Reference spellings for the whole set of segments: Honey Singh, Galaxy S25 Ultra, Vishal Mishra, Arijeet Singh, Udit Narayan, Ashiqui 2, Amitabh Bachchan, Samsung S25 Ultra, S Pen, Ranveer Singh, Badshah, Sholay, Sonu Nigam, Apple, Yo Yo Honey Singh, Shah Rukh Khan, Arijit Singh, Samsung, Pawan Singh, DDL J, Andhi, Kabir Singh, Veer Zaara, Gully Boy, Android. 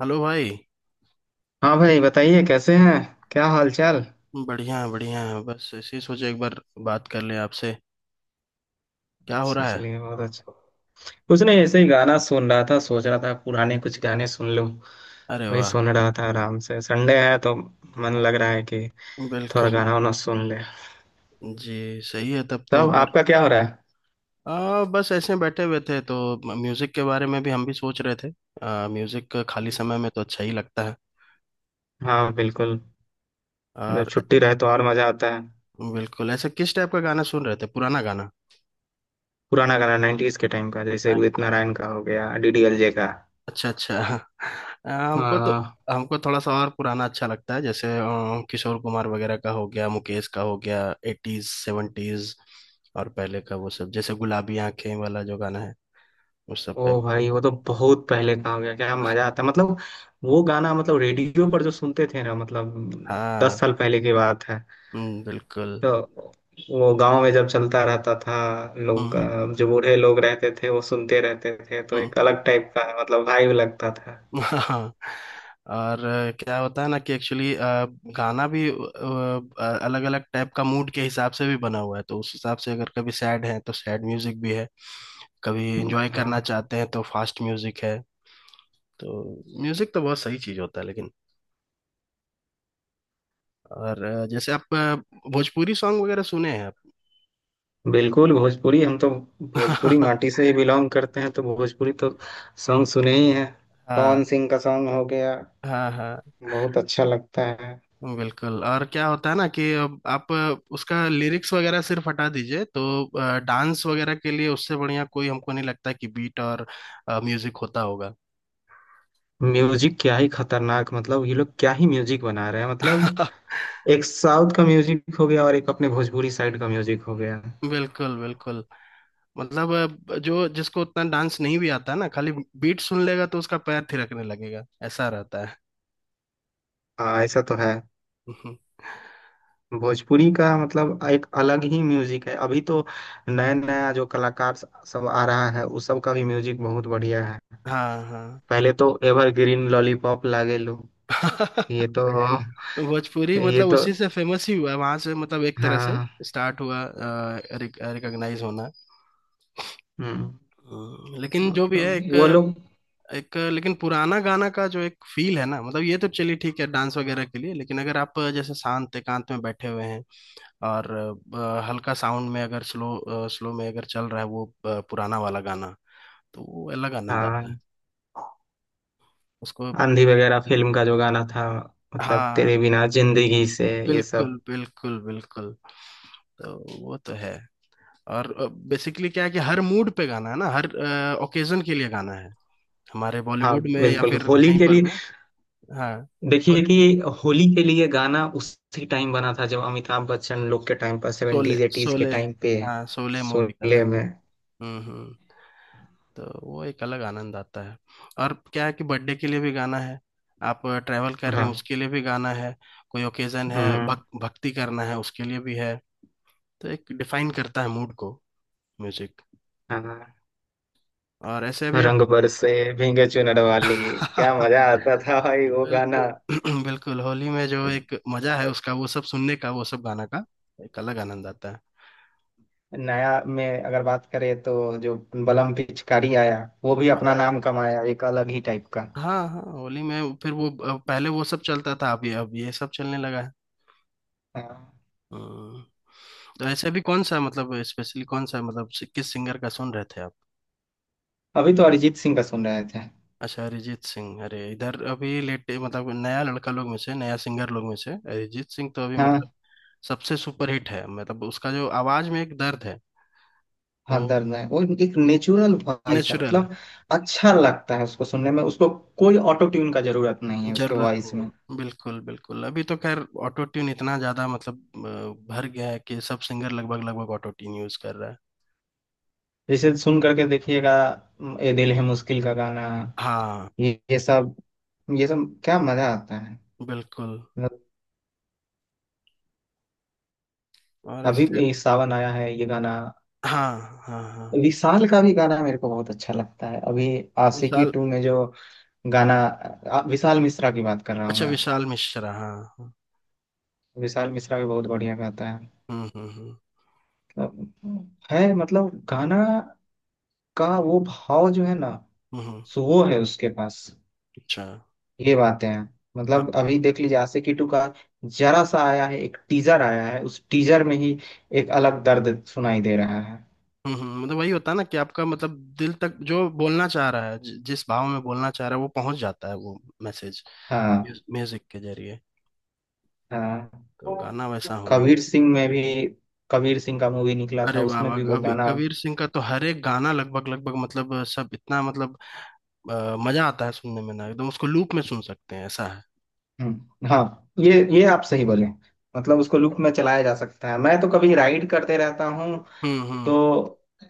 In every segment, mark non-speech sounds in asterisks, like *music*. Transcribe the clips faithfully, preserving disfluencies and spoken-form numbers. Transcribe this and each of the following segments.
Hello भाई। हाँ भाई, बताइए कैसे हैं? क्या हाल चाल? बढ़िया है, बढ़िया है। बस ऐसे ही सोचे एक बार बात कर लें आपसे। क्या हो अच्छा, रहा है? चलिए बहुत अच्छा। कुछ नहीं, ऐसे ही गाना सुन रहा था। सोच रहा था पुराने कुछ गाने सुन लूं। अरे वही वाह। सुन रहा था, आराम से संडे है तो मन लग रहा है कि थोड़ा बिल्कुल। गाना वाना सुन ले। जी सही है तब तो। तब और आपका क्या हो रहा आ, बस ऐसे बैठे हुए थे तो म- म्यूजिक के बारे में भी हम भी सोच रहे थे। आ, म्यूजिक का खाली है? समय में तो अच्छा ही लगता है। हाँ बिल्कुल। जब और छुट्टी रहे तो और मजा आता है। बिल्कुल। ऐसे किस टाइप का गाना सुन रहे थे? पुराना गाना? पुराना गाना, नाइन्टीज के टाइम का, जैसे उदित नारायण का हो गया, डी डी एल जे का। अच्छा अच्छा। अ, हमको तो हाँ। हमको थोड़ा सा और पुराना अच्छा लगता है, जैसे अ, किशोर कुमार वगैरह का हो गया, मुकेश का हो गया, एटीज सेवेंटीज। और पहले का वो सब जैसे गुलाबी आंखें वाला जो गाना है, उस सब ओ टाइप का। भाई वो तो बहुत पहले का हो गया, क्या मजा आता, मतलब वो गाना, मतलब रेडियो पर जो सुनते थे ना मतलब, दस हाँ। साल पहले की बात है। हम्म, बिल्कुल। तो वो गांव में जब चलता रहता था, लोग हम्म। अ, जो बूढ़े लोग रहते थे वो सुनते रहते थे, तो हम्म। एक अलग टाइप का मतलब वाइब लगता था। *laughs* हाँ। और अ, क्या होता है ना कि एक्चुअली गाना भी अलग अलग टाइप का मूड के हिसाब से भी बना हुआ है, तो उस हिसाब से अगर कभी सैड है तो सैड म्यूजिक भी है, कभी एंजॉय करना हाँ चाहते हैं तो फास्ट म्यूजिक है। तो म्यूजिक तो बहुत सही चीज होता है लेकिन। और अ, जैसे आप अ, भोजपुरी सॉन्ग वगैरह सुने हैं आप? बिल्कुल, भोजपुरी हम तो भोजपुरी *laughs* माटी से ही बिलोंग करते हैं, तो भोजपुरी तो सॉन्ग सुने ही हैं। पवन हाँ सिंह का सॉन्ग हो गया, हाँ हाँ। बहुत अच्छा लगता है। बिल्कुल। और क्या होता है ना कि अब आप उसका लिरिक्स वगैरह सिर्फ हटा दीजिए तो डांस वगैरह के लिए उससे बढ़िया कोई हमको नहीं लगता कि बीट और म्यूजिक होता होगा। म्यूजिक क्या ही खतरनाक, मतलब ये लोग क्या ही म्यूजिक बना रहे हैं, मतलब *laughs* एक साउथ का म्यूजिक हो गया और एक अपने भोजपुरी साइड का म्यूजिक हो गया। बिल्कुल बिल्कुल। मतलब अ, जो जिसको उतना डांस नहीं भी आता ना, खाली बीट सुन लेगा तो उसका पैर थिरकने लगेगा, ऐसा रहता है। हाँ ऐसा तो है। *laughs* भोजपुरी का मतलब एक अलग ही म्यूजिक है। अभी तो नया नया जो कलाकार सब आ रहा है, उस सब का भी म्यूजिक बहुत बढ़िया है। हाँ हाँ। पहले तो एवरग्रीन लॉलीपॉप लागे लो, ये *laughs* तो भोजपुरी ये मतलब तो। उसी से फेमस ही हुआ वहां से, मतलब एक तरह से हाँ। स्टार्ट हुआ रिकॉग्नाइज होना। हम्म, हम्म, लेकिन जो भी है मतलब एक। वो लोग। एक लेकिन पुराना गाना का जो एक फील है ना, मतलब ये तो चलिए ठीक है डांस वगैरह के लिए, लेकिन अगर आप जैसे शांत एकांत में बैठे हुए हैं और अ, हल्का साउंड में अगर स्लो स्लो में अगर चल रहा है वो अ, पुराना वाला गाना, तो वो अलग आनंद आता है हाँ। उसको। आंधी वगैरह फिल्म का जो गाना था, मतलब हाँ तेरे बिना जिंदगी से, ये बिल्कुल सब। बिल्कुल बिल्कुल। तो वो तो है। और बेसिकली क्या है कि हर मूड पे गाना है ना, हर ओकेजन के लिए गाना है, हमारे हाँ बॉलीवुड में या बिल्कुल, फिर होली कहीं के पर लिए भी। हाँ। देखिए कि होली के लिए गाना उसी टाइम बना था, जब अमिताभ बच्चन लोग के टाइम पर, शोले सेवेंटीज एटीज के शोले। टाइम पे। हाँ शोले मूवी का शोले था। में। हम्म हम्म। तो वो एक अलग आनंद आता है। और क्या है कि बर्थडे के लिए भी गाना है, आप ट्रैवल कर रहे हैं हाँ। उसके लिए भी गाना है, कोई ओकेजन है, हम्म। भक, भक्ति करना है उसके लिए भी है। तो एक डिफाइन करता है मूड को, म्यूजिक। हाँ। और ऐसे भी आप। रंग बरसे, भीगे चुनर वाली, क्या *laughs* मजा आता था भाई वो गाना। बिल्कुल। *clears throat* बिल्कुल होली में जो एक मजा है उसका, वो सब सुनने का, वो सब गाना का एक अलग आनंद आता है। नया में अगर बात करें तो जो बलम पिचकारी आया, वो भी अपना नाम कमाया, एक अलग ही टाइप का। हाँ हाँ। होली में फिर वो अ, पहले वो सब चलता था, अब ये अब ये सब चलने लगा है। हाँ। हम्म। तो ऐसे अभी कौन सा मतलब स्पेशली कौन सा मतलब सि- किस सिंगर का सुन रहे थे आप? अभी तो अरिजीत सिंह का सुन रहे थे। अच्छा, अरिजीत सिंह। अरे इधर अभी लेटे मतलब नया लड़का लोग में से, नया सिंगर लोग में से अरिजीत सिंह तो अभी मतलब हाँ सबसे सुपरहिट है। मतलब उसका जो आवाज में एक दर्द है। हाँ, वो दर्द है, वो एक नेचुरल वॉइस है नेचुरल। मतलब। अच्छा लगता है उसको सुनने में, उसको कोई ऑटो ट्यून का जरूरत नहीं है उसके जरूरत वॉइस नहीं में। है बिल्कुल बिल्कुल। अभी तो खैर ऑटो ट्यून इतना ज्यादा मतलब अ, भर गया है कि सब सिंगर लगभग लगभग ऑटो ट्यून यूज कर रहा है। जैसे सुन करके देखिएगा, म, ये दिल है मुश्किल का गाना, हाँ ये ये सब, ये सब क्या मजा आता है बिल्कुल। मतलब। और अभी ऐसे। भी सावन आया है, ये गाना। हाँ हाँ हाँ। विशाल का भी गाना मेरे को बहुत अच्छा लगता है। अभी आशिकी विशाल। टू में जो गाना, आ, विशाल मिश्रा की बात कर रहा हूँ अच्छा मैं। विशाल मिश्रा। हाँ हाँ। विशाल मिश्रा भी बहुत बढ़िया गाता है। हम्म हम्म मतलब है मतलब, गाना का वो भाव जो है ना, हम्म हम्म। सो वो है उसके पास। अच्छा। ये बातें हैं। हाँ। मतलब अभी देख लीजिए आशिकी टू का जरा सा आया है, एक टीजर आया है, उस टीजर में ही एक अलग दर्द सुनाई दे रहा है। हम्म हम्म। मतलब वही होता है ना कि आपका मतलब दिल तक जो बोलना चाह रहा है, जि- जिस भाव में बोलना चाह रहा है वो पहुंच जाता है वो मैसेज हाँ। म्यूजिक के जरिए। हाँ। तो गाना वैसा होना कबीर चाहिए। सिंह में भी, कबीर सिंह का मूवी निकला था, अरे उसमें बाबा, भी वो कबीर गाना। कबीर सिंह का तो हर एक गाना लगभग लगभग मतलब सब इतना मतलब अ, मजा आता है सुनने में ना एकदम, उसको लूप में सुन सकते हैं ऐसा है। हम्म, हाँ ये ये आप सही बोले। मतलब उसको लूप में चलाया जा सकता है, मैं तो कभी राइड करते रहता हूँ, हम्म तो हम्म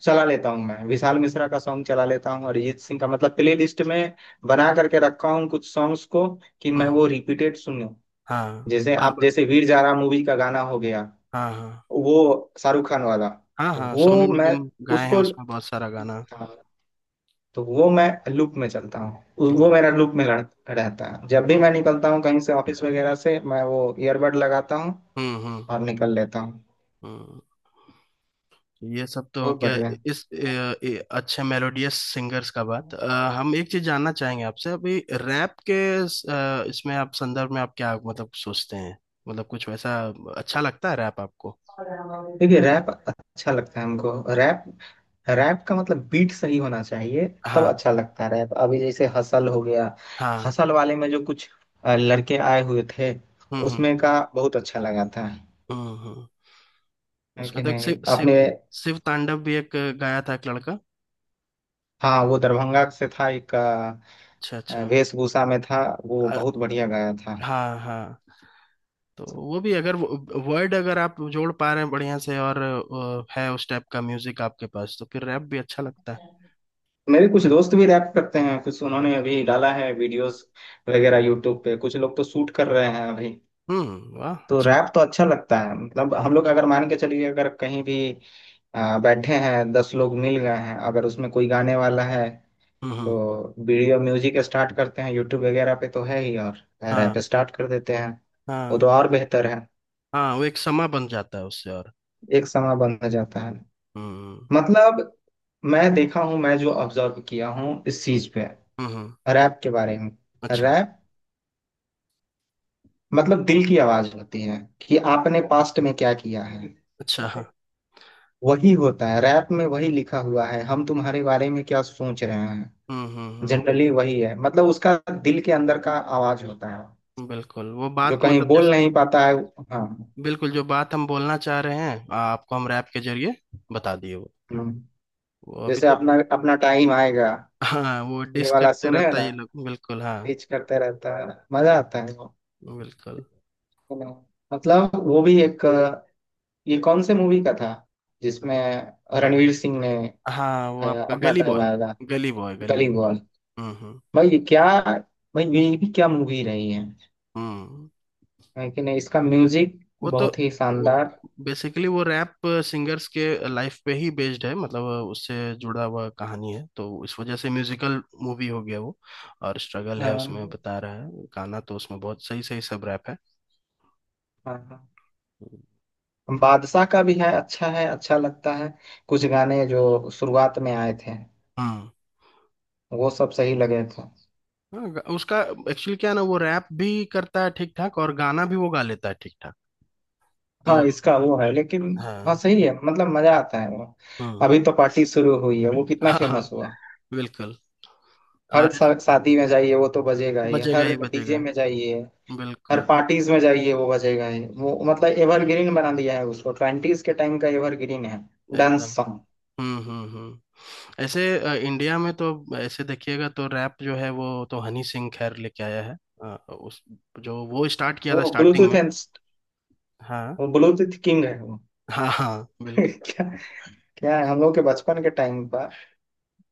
चला लेता हूँ। मैं विशाल मिश्रा का सॉन्ग चला लेता हूँ, अरिजीत सिंह का। मतलब प्ले लिस्ट में बना करके रखा हूँ कुछ सॉन्ग्स को, कि हम्म मैं हम्म। वो रिपीटेड सुनूं। हाँ जैसे बार आप, बार। जैसे वीर जारा मूवी का गाना हो गया, हाँ हाँ वो शाहरुख खान वाला, हाँ। हाँ सोनू वो मैं निगम गाए हैं उसको, उसमें बहुत सारा गाना। हाँ, तो वो मैं लूप में चलता हूँ। उ- वो हम्म मेरा लूप में रह- रहता है। जब भी हम्म मैं निकलता हूँ कहीं से, ऑफिस वगैरह से, मैं वो ईयरबड लगाता हूँ हम्म हम्म और निकल लेता हूँ। हम्म। ये सब तो हो बहुत गया। बढ़िया। इस ए, ए, अच्छे मेलोडियस सिंगर्स का बात। अ, हम एक चीज जानना चाहेंगे आपसे अभी रैप के। स- अ, इसमें आप संदर्भ में आप क्या मतलब सोचते हैं, मतलब कुछ वैसा अच्छा लगता है रैप आपको? देखिए, रैप अच्छा लगता है हमको। रैप, रैप का मतलब बीट सही होना चाहिए, तब हाँ अच्छा लगता है रैप। अभी जैसे हसल हो गया, हाँ। हसल वाले में जो कुछ अ, लड़के आए हुए थे, हम्म हम्म उसमें का बहुत अच्छा लगा था। हम्म हम्म। है उसमें कि तो एक नहीं शिव शिव आपने? शिव तांडव भी एक गाया था, एक लड़का। हाँ वो दरभंगा से था, एक अ, अच्छा अच्छा। वेशभूषा में था, वो अ, बहुत बढ़िया गाया था। हाँ हाँ। तो वो भी अगर वर्ड अगर आप जोड़ पा रहे हैं बढ़िया से और अ, है उस टाइप का म्यूजिक आपके पास, तो फिर रैप भी अच्छा लगता है। मेरे कुछ दोस्त भी रैप करते हैं, कुछ उन्होंने अभी डाला है वीडियोस वगैरह यूट्यूब पे, कुछ लोग तो शूट कर रहे हैं अभी। हम्म वाह तो अच्छा। रैप तो अच्छा लगता है। मतलब हम लोग अगर मान के चलिए, अगर कहीं भी आ, बैठे हैं, दस लोग मिल गए हैं, अगर उसमें कोई गाने वाला है हम्म हम्म। तो वीडियो म्यूजिक स्टार्ट करते हैं यूट्यूब वगैरह पे तो है ही, और हाँ रैप स्टार्ट कर देते हैं। वो हाँ तो और बेहतर है, हाँ वो एक समा बन जाता है उससे और। एक समय बंद हो जाता है। हम्म मतलब मैं देखा हूँ, मैं जो ऑब्जर्व किया हूँ इस चीज पे, हम्म हम्म। रैप के बारे में। अच्छा रैप मतलब दिल की आवाज होती है, कि आपने पास्ट में क्या किया है। अच्छा। हाँ। वही होता है रैप में, वही लिखा हुआ है, हम तुम्हारे बारे में क्या सोच रहे हैं, हम्म हम्म हम्म। वो जनरली वही है मतलब उसका। दिल के अंदर का आवाज होता है, बिल्कुल वो जो बात कहीं मतलब बोल जैसे, नहीं पाता है। हाँ। बिल्कुल जो बात हम बोलना चाह रहे हैं आपको, हम रैप के जरिए बता दिए वो हम्म। वो अभी जैसे तो। अपना अपना टाइम आएगा, हाँ वो ये डिस वाला करते सुने हैं रहता है ना। ये लोग, बिल्कुल हाँ, रीच करते रहता है, मजा आता है वो, बिल्कुल। you know। मतलब वो भी एक, ये कौन से मूवी का था, जिसमें रणवीर सिंह ने, हाँ वो अ, आपका अपना गली टाइम बॉय। आएगा। गली बॉय गली गली बॉय। बॉय। हम्म हम्म भाई ये क्या, भाई ये भी क्या मूवी रही है हम्म। है कि नहीं इसका म्यूजिक वो तो बहुत ही वो शानदार। बेसिकली वो रैप सिंगर्स के लाइफ पे ही बेस्ड है, मतलब उससे जुड़ा हुआ कहानी है, तो इस वजह से म्यूजिकल मूवी हो गया वो। और स्ट्रगल है, हाँ हाँ उसमें बता रहा है गाना, तो उसमें बहुत सही सही सब रैप है। हाँ हाँ। बादशाह का भी है, अच्छा है, अच्छा लगता है। कुछ गाने जो शुरुआत में आए थे, हम्म। वो सब सही लगे थे। हाँ, गा- उसका एक्चुअली क्या है ना वो रैप भी करता है ठीक ठाक और गाना भी वो गा लेता है ठीक ठाक। तो हाँ इसका वो है लेकिन, हाँ हाँ सही है, मतलब मजा आता है वो। हम्म। अभी तो पार्टी शुरू हुई है, वो कितना हाँ हाँ फेमस हुआ। बिल्कुल। हर और इस- शा- शादी में जाइए वो तो बजेगा ही, बजेगा हर ही बजेगा डीजे में जाइए, हर बिल्कुल पार्टीज में जाइए वो बजेगा ही। वो मतलब एवरग्रीन बना दिया है उसको, ट्वेंटीज के टाइम का एवरग्रीन है डांस एकदम। सॉन्ग। हम्म हम्म हम्म। ऐसे अ, इंडिया में तो ऐसे देखिएगा तो रैप जो है वो तो हनी सिंह खैर लेके आया है। अ, उस जो वो स्टार्ट किया था वो स्टार्टिंग ब्लूटूथ, में। हाँ वो ब्लू टिथ किंग है वो। हाँ हाँ। *laughs* बिल्कुल। क्या, क्या है, हम लोग के बचपन के टाइम का,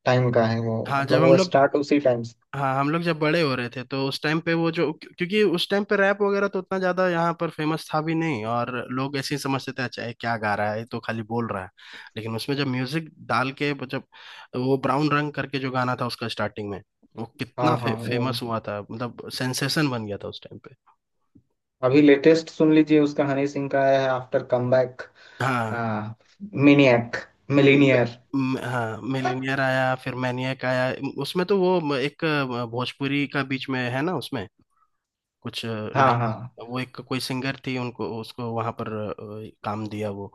टाइम का है वो, हाँ मतलब जब हम वो लोग स्टार्ट उसी टाइम से। हाँ हम लोग जब बड़े हो रहे थे तो उस टाइम पे वो जो क्यों- क्योंकि उस टाइम पे रैप वगैरह तो उतना ज्यादा यहाँ पर फेमस था भी नहीं, और लोग ऐसे ही समझते थे अच्छा ये क्या गा रहा है, ये तो खाली बोल रहा है। लेकिन उसमें जब म्यूजिक डाल के जब वो ब्राउन रंग करके जो गाना था उसका स्टार्टिंग में, वो कितना हाँ फे, हाँ। वो फेमस हुआ था, मतलब सेंसेशन बन गया था उस टाइम पे। अभी लेटेस्ट सुन लीजिए उसका, हनी सिंह का है आफ्टर कमबैक। हाँ हाँ। मिनियक, म- मिलीनियर। म- हाँ मिलीनियर आया फिर मैनियक आया। उसमें तो वो एक भोजपुरी का बीच में है ना उसमें, कुछ हाँ लाइन। हाँ वो एक कोई सिंगर थी, उनको उसको वहां पर अ, काम दिया वो,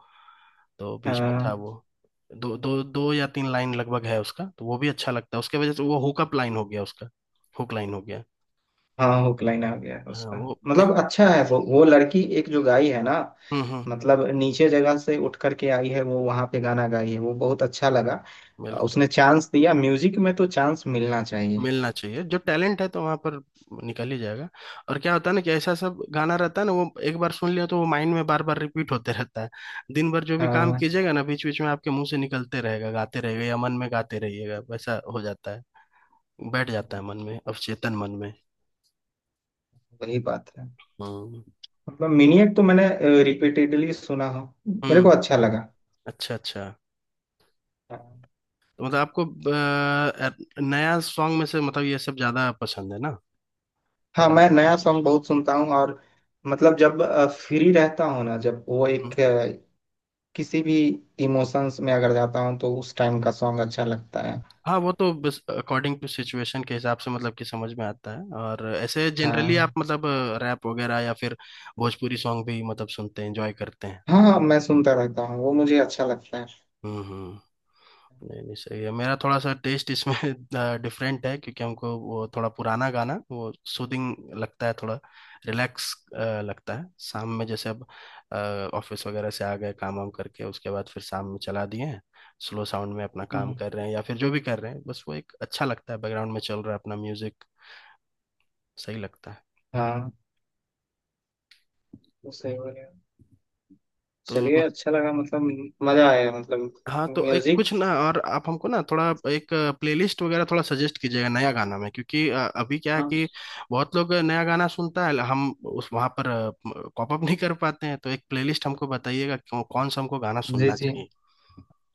तो बीच में था हाँ। वो, दो दो दो या तीन लाइन लगभग है उसका। तो वो भी अच्छा लगता है उसके वजह से वो हुकअप लाइन हो गया उसका, हुक लाइन हो गया। हाँ हुक लाइन आ गया है हाँ उसका। वो मतलब एक। अच्छा है, वो वो लड़की एक जो गाई है ना, हम्म हम्म। मतलब नीचे जगह से उठ करके आई है, वो वहां पे गाना गाई है, वो बहुत अच्छा लगा। बिल्कुल उसने चांस दिया, म्यूजिक में तो चांस मिलना चाहिए। मिलना चाहिए, जो टैलेंट है तो वहां पर निकल ही जाएगा। और क्या होता है ना कि ऐसा सब गाना रहता है ना, वो एक बार सुन लिया तो वो माइंड में बार बार रिपीट होते रहता है। दिन भर जो भी काम हाँ। कीजिएगा ना, बीच बीच में आपके मुंह से निकलते रहेगा, गाते रहेगा या मन में गाते रहिएगा, वैसा हो जाता है। बैठ जाता है मन में, अवचेतन मन में। वही बात है। हम्म मतलब मिनियट तो मैंने रिपीटेडली सुना हो, मेरे को हम्म। अच्छा लगा। अच्छा अच्छा। तो मतलब आपको अ, अ, नया सॉन्ग में से मतलब ये सब ज्यादा पसंद है ना, हाँ रैप मैं नया वगैरह? सॉन्ग बहुत सुनता हूँ, और मतलब जब फ्री रहता हूँ ना, जब वो हम्म। एक अ, किसी भी इमोशंस में अगर जाता हूँ तो उस टाइम का सॉन्ग अच्छा लगता है। हाँ वो तो बस अकॉर्डिंग टू सिचुएशन के हिसाब से मतलब कि समझ में आता है। और ऐसे जनरली आप हाँ मतलब रैप वगैरह या फिर भोजपुरी सॉन्ग भी मतलब सुनते हैं एंजॉय करते हैं? हाँ। हाँ, मैं सुनता रहता हूँ, वो मुझे अच्छा लगता है। हम्म हम्म। नहीं नहीं सही है। मेरा थोड़ा सा टेस्ट इसमें *laughs* डिफरेंट है, क्योंकि हमको वो थोड़ा पुराना गाना वो सूदिंग लगता है थोड़ा, रिलैक्स लगता है। शाम में जैसे अब ऑफिस वगैरह से आ गए काम वाम करके, उसके बाद फिर शाम में चला दिए हैं स्लो साउंड में, अपना काम हम्म, कर रहे हैं या फिर जो भी कर रहे हैं, बस वो एक अच्छा लगता है बैकग्राउंड में चल रहा है अपना म्यूजिक, सही लगता है। हाँ वो सही बोले। तो चलिए अच्छा लगा, मतलब मजा आया मतलब। हाँ तो एक म्यूजिक। कुछ ना, और आप हमको ना थोड़ा एक प्लेलिस्ट वगैरह थोड़ा सजेस्ट कीजिएगा नया गाना में, क्योंकि अ, अभी क्या है हाँ। कि बहुत लोग नया गाना सुनता है हम उस वहाँ पर कॉप अप *laughs* नहीं कर पाते हैं। तो एक प्लेलिस्ट हमको बताइएगा कौन कौन सा हमको गाना जी सुनना जी, चाहिए।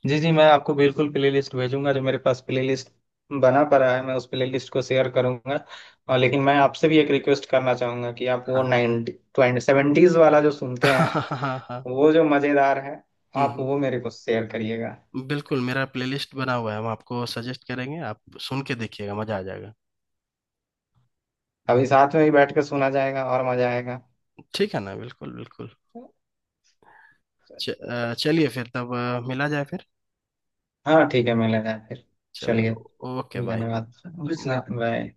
जी जी, मैं आपको बिल्कुल प्लेलिस्ट भेजूंगा। जो मेरे पास प्लेलिस्ट बना पड़ा है, मैं उस प्लेलिस्ट को शेयर करूंगा। और लेकिन मैं आपसे भी एक रिक्वेस्ट करना चाहूंगा कि आप वो हाँ। नाइनटी ट्वेंटी सेवेंटीज वाला जो *laughs* सुनते हाँ हैं, हाँ हाँ। वो जो मज़ेदार है, आप हम्म वो मेरे को शेयर करिएगा। हम्म, बिल्कुल मेरा प्लेलिस्ट बना हुआ है, हम आपको सजेस्ट करेंगे, आप सुन के देखिएगा मजा आ जाएगा। अभी साथ में ही बैठ के सुना जाएगा और मज़ा आएगा। ठीक है ना बिल्कुल बिल्कुल। च- अ, चलिए फिर तब अ, मिला जाए फिर, हाँ ठीक है, मिला जाए फिर। चलिए। चलिए। Okay bye. धन्यवाद। बाय।